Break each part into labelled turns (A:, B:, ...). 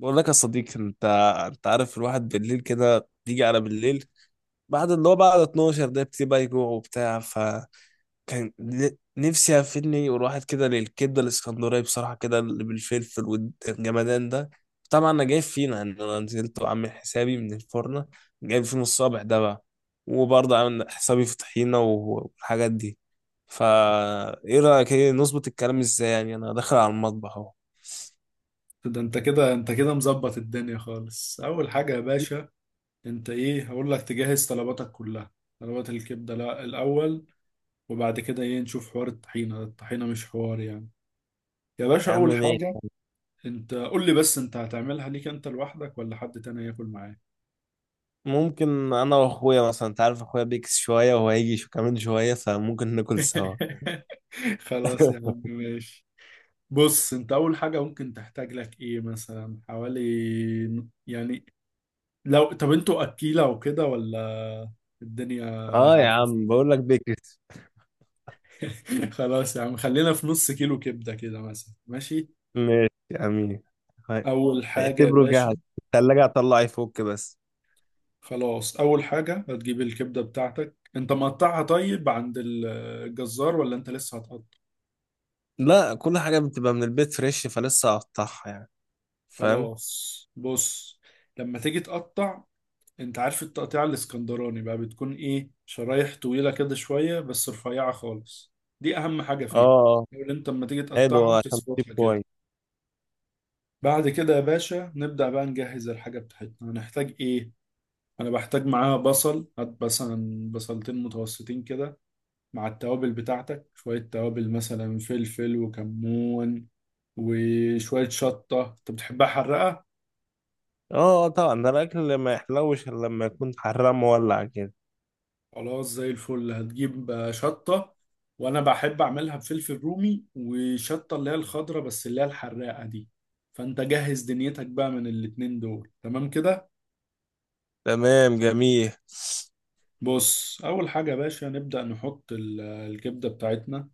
A: بقول لك يا صديقي، انت عارف الواحد بالليل كده بيجي على بالليل بعد اللي هو بعد 12، ده بتبقى بقى يجوع وبتاع. فكان ن- نفسي افني والواحد كده للكبده الاسكندريه، بصراحه كده اللي بالفلفل والجمدان ده. طبعا انا جايب فينا انا نزلت وعامل حسابي من الفرن، جايب فينا الصابح ده بقى. وبرضه عامل حسابي في طحينه و- والحاجات دي. فا ايه رايك، ايه نظبط الكلام ازاي؟ يعني انا داخل على المطبخ اهو.
B: ده انت كده مظبط الدنيا خالص. اول حاجه يا باشا، انت، ايه، هقول لك تجهز طلباتك كلها. طلبات الكبده لا الاول، وبعد كده ايه نشوف حوار الطحينه. الطحينه مش حوار يعني. يا باشا،
A: يا عم
B: اول
A: ماشي.
B: حاجه، انت قول لي بس، انت هتعملها ليك انت لوحدك ولا حد تاني ياكل معاك؟
A: ممكن انا واخويا مثلا، انت عارف اخويا بيكس شويه وهو هيجي شو كمان شويه، فممكن ناكل سوا.
B: خلاص يا عم ماشي. بص، انت اول حاجه ممكن تحتاج لك ايه مثلا، حوالي يعني، لو طب انتوا اكيله وكده، ولا الدنيا
A: اه
B: على
A: يا عم،
B: الفاصل؟
A: بقول لك بيكس.
B: خلاص يا عم، خلينا في نص كيلو كبدة كده مثلا. ماشي.
A: ماشي يا امين. هاي.
B: أول حاجة يا
A: اعتبره جاهز،
B: باشا.
A: التلاجة هطلع يفك بس.
B: خلاص، أول حاجة هتجيب الكبدة بتاعتك. أنت مقطعها طيب عند الجزار، ولا أنت لسه هتقطع؟
A: لا، كل حاجه بتبقى من البيت فريش، فلسه هقطعها يعني. فاهم.
B: خلاص بص، لما تيجي تقطع، أنت عارف التقطيع الإسكندراني بقى بتكون إيه، شرايح طويلة كده شوية بس رفيعة خالص. دي أهم حاجة
A: اه
B: فيها.
A: آه.
B: اللي أنت لما تيجي تقطعها
A: حلو عشان تجيب
B: وتظبطها كده.
A: كويس.
B: بعد كده يا باشا نبدأ بقى نجهز الحاجة بتاعتنا. هنحتاج إيه؟ انا بحتاج معاها بصل، هات مثلا بصلتين متوسطين كده، مع التوابل بتاعتك، شوية توابل مثلا فلفل وكمون، وشوية شطة، انت بتحبها حرقة.
A: اه آه، طبعا ده الاكل ما يحلوش الا لما يكون حرام مولع كده.
B: خلاص، زي الفل هتجيب شطة. وانا بحب اعملها بفلفل رومي وشطة اللي هي الخضرة، بس اللي هي الحراقة دي. فانت جهز دنيتك بقى من الاتنين دول. تمام كده.
A: تمام جميل.
B: بص، اول حاجة يا باشا نبدأ نحط الكبدة بتاعتنا.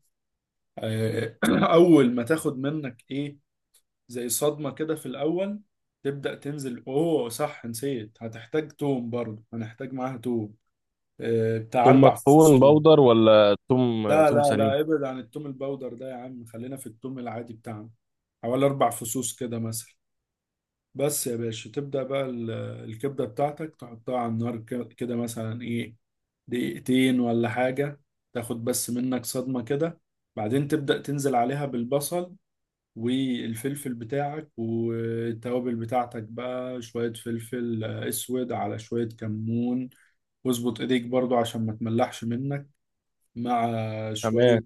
B: آه، اول ما تاخد منك ايه، زي صدمة كده في الأول، تبدأ تنزل. أوه، صح نسيت، هتحتاج توم برضه، هنحتاج معاها توم. بتاع
A: توم
B: أربع
A: مطحون
B: فصوص توم.
A: بودر ولا توم؟
B: لا
A: توم
B: لا
A: سليم.
B: لا، ابعد عن التوم البودر ده يا عم، خلينا في التوم العادي بتاعنا. حوالي 4 فصوص كده مثلا. بس يا باشا، تبدأ بقى الكبدة بتاعتك تحطها على النار، كده مثلا، إيه، دقيقتين ولا حاجة، تاخد بس منك صدمة كده. بعدين تبدأ تنزل عليها بالبصل والفلفل بتاعك والتوابل بتاعتك بقى، شوية فلفل اسود على شوية كمون. واظبط ايديك برضو عشان ما تملحش منك، مع
A: تمام.
B: شوية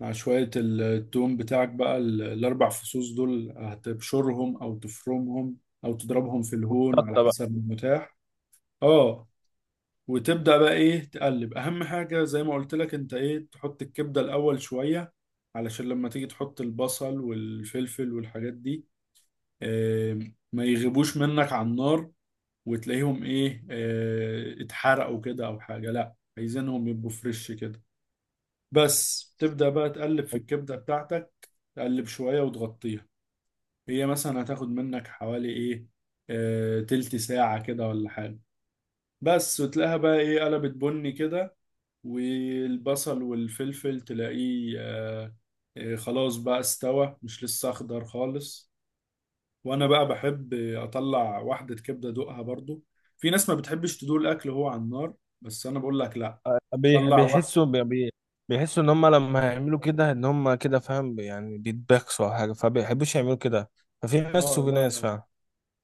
B: مع شوية التوم بتاعك بقى، الأربع فصوص دول هتبشرهم أو تفرمهم أو تضربهم في الهون على
A: شطه بقى.
B: حسب المتاح. اه، وتبدأ بقى ايه تقلب. أهم حاجة زي ما قلت لك، انت، ايه، تحط الكبدة الأول شوية، علشان لما تيجي تحط البصل والفلفل والحاجات دي، آه، ما يغيبوش منك على النار، وتلاقيهم ايه، اتحرقوا كده او حاجة. لا، عايزينهم يبقوا فريش كده. بس تبدأ بقى تقلب في الكبدة بتاعتك، تقلب شوية وتغطيها. هي مثلا هتاخد منك حوالي ايه، تلت ساعة كده ولا حاجة. بس، وتلاقيها بقى ايه قلبت بني كده، والبصل والفلفل تلاقيه خلاص بقى استوى، مش لسه اخضر خالص. وانا بقى بحب اطلع واحدة كبدة ادوقها برضو. في ناس ما بتحبش تدوق الاكل وهو على النار، بس انا بقول لك لا،
A: بيح-
B: طلع واحدة.
A: بيحسوا بي- بي- بيحسوا ان هم لما هيعملوا كده ان هم كده، فاهم يعني، بيتبخسوا او حاجه فبيحبوش يعملوا كده. ففي ناس
B: اه،
A: وفي
B: لا
A: ناس
B: لا
A: فعلا.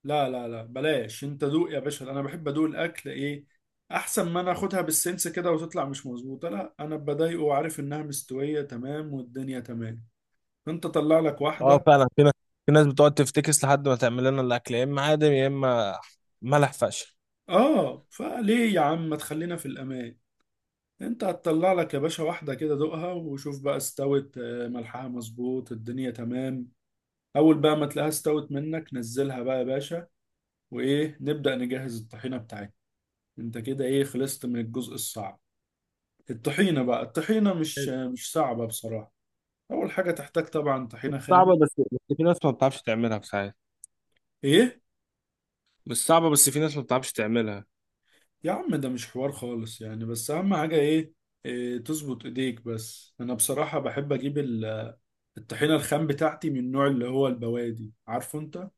B: لا لا لا، بلاش، انت دوق يا باشا. انا بحب ادوق الاكل، ايه، احسن ما انا اخدها بالسنس كده وتطلع مش مظبوطة. لا، انا بضايقه وعارف انها مستوية تمام والدنيا تمام. انت طلع لك
A: اه
B: واحدة.
A: فعلا في ناس بتقعد تفتكس لحد ما تعمل لنا الاكل، يا اما عادم يا اما ملح فشخ.
B: اه، فليه يا عم ما تخلينا في الامان. انت هتطلع لك يا باشا واحدة كده، دوقها وشوف بقى استوت، ملحها مظبوط، الدنيا تمام. اول بقى ما تلاقيها استوت منك، نزلها بقى يا باشا، وايه نبدأ نجهز الطحينة بتاعتنا. انت كده ايه خلصت من الجزء الصعب. الطحينة بقى، الطحينة مش صعبة بصراحة. اول حاجة تحتاج طبعا طحينة خام.
A: صعبة بس في ناس ما بتعرفش تعملها في ساعات.
B: ايه،
A: مش صعبة بس في ناس ما بتعرفش تعملها.
B: يا عم ده مش حوار خالص يعني، بس اهم حاجة ايه، إيه، تظبط ايديك بس. انا بصراحة بحب اجيب الطحينة الخام بتاعتي من النوع اللي هو البوادي، عارفه انت؟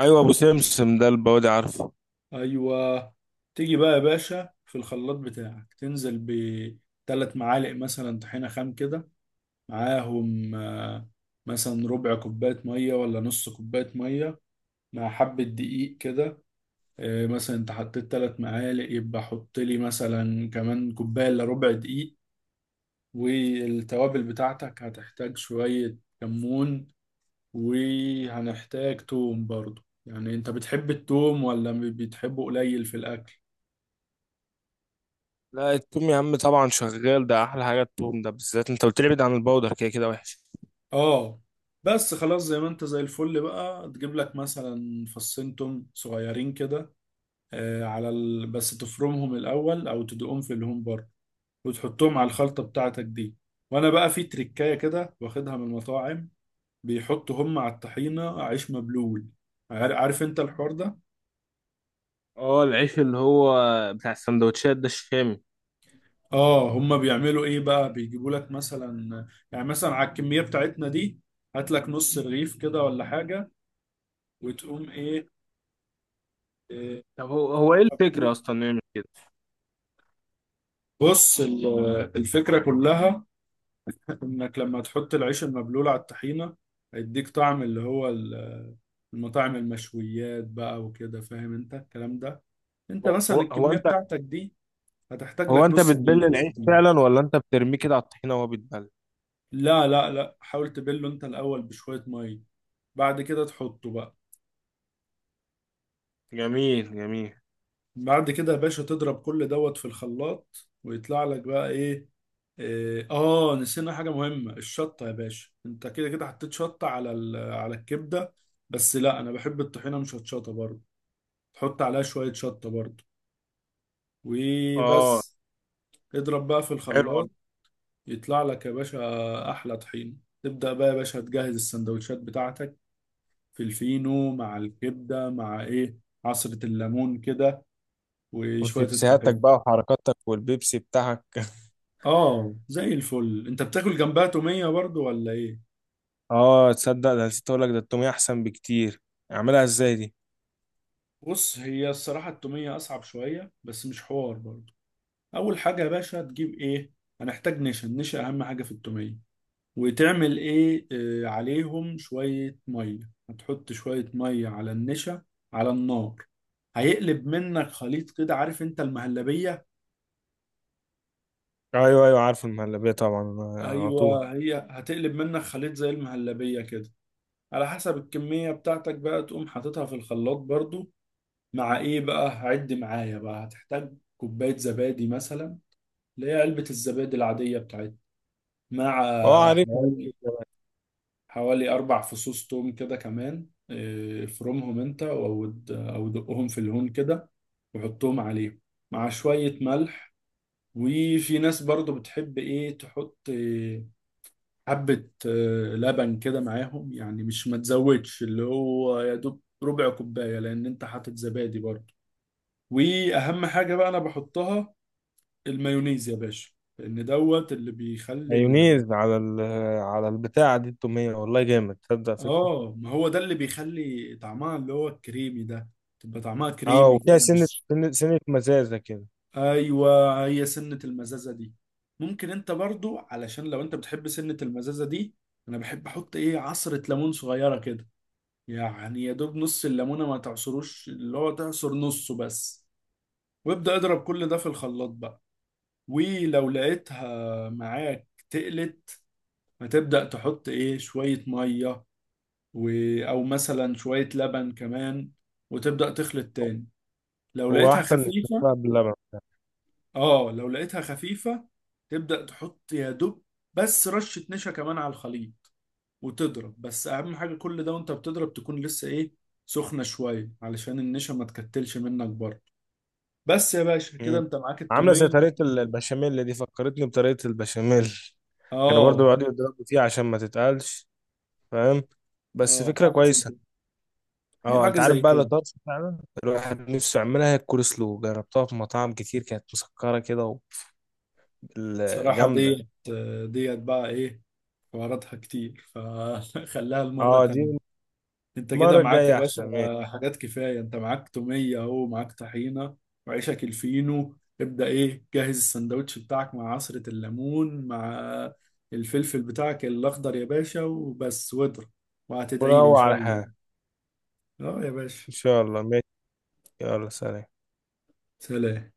A: ايوه ابو سمسم ده البودي، عارفه.
B: ايوه. تيجي بقى يا باشا في الخلاط بتاعك تنزل بثلاث معالق مثلا طحينه خام كده، معاهم مثلا ربع كوبايه ميه ولا نص كوبايه ميه، مع حبه دقيق كده. مثلا انت حطيت 3 معالق، يبقى حط لي مثلا كمان كوبايه الا ربع دقيق. والتوابل بتاعتك هتحتاج شويه كمون، وهنحتاج توم برضو. يعني انت بتحب التوم ولا بتحبه قليل في الاكل؟
A: لا التوم يا عم طبعا شغال، ده احلى حاجه التوم ده بالذات، انت قلت لي ابعد عن البودر كده كده وحش.
B: اه، بس خلاص زي ما انت زي الفل بقى، تجيب لك مثلا فصين توم صغيرين كده، بس تفرمهم الاول او تدقهم في الهوم بار، وتحطهم على الخلطه بتاعتك دي. وانا بقى في تريكايه كده واخدها من المطاعم، بيحطوا هم على الطحينه عيش مبلول. عارف انت الحوار ده؟
A: اه العيش اللي هو بتاع السندوتشات ده، الشامي.
B: اه، هم بيعملوا ايه بقى، بيجيبوا لك مثلا على الكميه بتاعتنا دي، هات لك نص رغيف كده ولا حاجه، وتقوم ايه،
A: طب هو ايه
B: إيه
A: الفكرة اصلا نعمل كده؟
B: بص الفكرة كلها إنك لما تحط العيش المبلول على الطحينة، هيديك طعم اللي هو المطاعم، المشويات بقى وكده، فاهم أنت الكلام ده. أنت
A: هو هو
B: مثلا
A: هو
B: الكمية
A: انت.
B: بتاعتك دي هتحتاج
A: هو
B: لك
A: انت
B: نص
A: بتبل
B: رغيف، مش
A: العيش
B: كتير.
A: فعلا، ولا انت بترميه كده على الطحينه وهو بيتبل؟
B: لا لا لا، حاول تبله أنت الأول بشوية مية، بعد كده تحطه بقى.
A: جميل جميل.
B: بعد كده يا باشا تضرب كل دوت في الخلاط، ويطلع لك بقى ايه، اه، نسينا حاجة مهمة، الشطة يا باشا. انت كده كده حطيت شطة على على الكبدة، بس لا، انا بحب الطحينة مش هتشطة برضه، تحط عليها شوية شطة برضه
A: اه
B: وبس. اضرب بقى في
A: حلو والله.
B: الخلاط، يطلع لك يا باشا احلى طحينة. تبدأ بقى يا باشا تجهز السندوتشات بتاعتك في الفينو، مع الكبدة، مع ايه، عصرة الليمون كده، وشوية
A: وشيبسيهاتك
B: الطحينة.
A: بقى وحركاتك والبيبسي بتاعك.
B: اه، زي الفل. انت بتاكل جنبها تومية برضو ولا ايه؟
A: اه تصدق، ده نسيت اقول لك، ده التوميه احسن بكتير. اعملها ازاي دي؟
B: بص، هي الصراحة التومية اصعب شوية، بس مش حوار برضو. اول حاجة يا باشا تجيب ايه، هنحتاج نشا. النشا اهم حاجة في التومية. وتعمل ايه، عليهم شوية مية، هتحط شوية مية على النشا على النار. هيقلب منك خليط كده، عارف انت المهلبية؟
A: ايوه ايوه عارف المهلبيه طبعا. على طول.
B: ايوه، هي هتقلب منك خليط زي المهلبية كده. على حسب الكمية بتاعتك بقى تقوم حاططها في الخلاط برضو، مع ايه بقى، عد معايا بقى، هتحتاج كوباية زبادي مثلا، اللي هي علبة الزبادي العادية بتاعتنا،
A: اه
B: مع
A: عارف عارف.
B: حوالي 4 فصوص توم كده كمان. افرمهم أنت، أو أو دقهم في الهون كده وحطهم عليه، مع شوية ملح. وفي ناس برضو بتحب إيه تحط حبة لبن كده معاهم، يعني مش ما تزودش، اللي هو يا دوب ربع كوباية، لأن أنت حاطط زبادي برضو. واهم حاجه بقى انا بحطها المايونيز يا باشا، لان دوت اللي بيخلي ال...
A: مايونيز على على البتاع دي التوميه، والله جامد تصدق فكره.
B: اه، ما هو ده اللي بيخلي طعمها اللي هو الكريمي ده. تبقى طعمها
A: اه
B: كريمي كده،
A: وفيها سنه
B: مش،
A: سنه سنة مزازه كده.
B: ايوه، هي سنة المزازة دي. ممكن انت برضو، علشان لو انت بتحب سنة المزازة دي، انا بحب احط ايه، عصرة ليمون صغيرة كده، يعني يا دوب نص الليمونة ما تعصروش، اللي هو تعصر نصه بس. وابدأ اضرب كل ده في الخلاط بقى. ولو لقيتها معاك تقلت، هتبدأ تحط ايه، شوية مية، و... او مثلا شوية لبن كمان، وتبدأ تخلط تاني لو
A: هو
B: لقيتها
A: احسن من
B: خفيفة.
A: الشفاء باللبن.
B: اه، لو لقيتها خفيفة، تبدأ تحط يا دوب بس رشة نشا كمان على الخليط، وتضرب. بس اهم حاجة كل ده وانت بتضرب، تكون لسه ايه، سخنة شوية، علشان النشا ما تكتلش منك برضه. بس يا باشا كده
A: مم.
B: انت معاك
A: عامله زي
B: التومية.
A: طريقه البشاميل، اللي دي فكرتني بطريقه البشاميل. كانوا
B: اه،
A: برضو بيقعدوا يضربوا فيها عشان ما تتقلش. فاهم. بس
B: اه،
A: فكره
B: حاجة زي
A: كويسه.
B: كده. هي
A: اه
B: حاجة
A: انت عارف
B: زي
A: بقى اللي
B: كده.
A: طرش فعلا، الواحد نفسه يعملها. هي الكول سلو جربتها في مطاعم كتير كانت مسكره كده،
B: صراحة
A: جامده.
B: ديت بقى ايه، حواراتها كتير فخليها المرة
A: اه دي
B: تانية. انت كده
A: المره
B: معاك يا
A: الجايه احسن،
B: باشا
A: ماشي.
B: حاجات كفايه، انت معاك توميه اهو، معاك طحينه، وعيشك الفينو، ابدا ايه جهز السندوتش بتاعك، مع عصره الليمون، مع الفلفل بتاعك الاخضر يا باشا، وبس، واضرب، وهتدعي لي ان
A: وروق
B: شاء
A: على حالك.
B: الله. اه يا باشا.
A: ان شاء الله ماشي. يلا سلام.
B: سلام.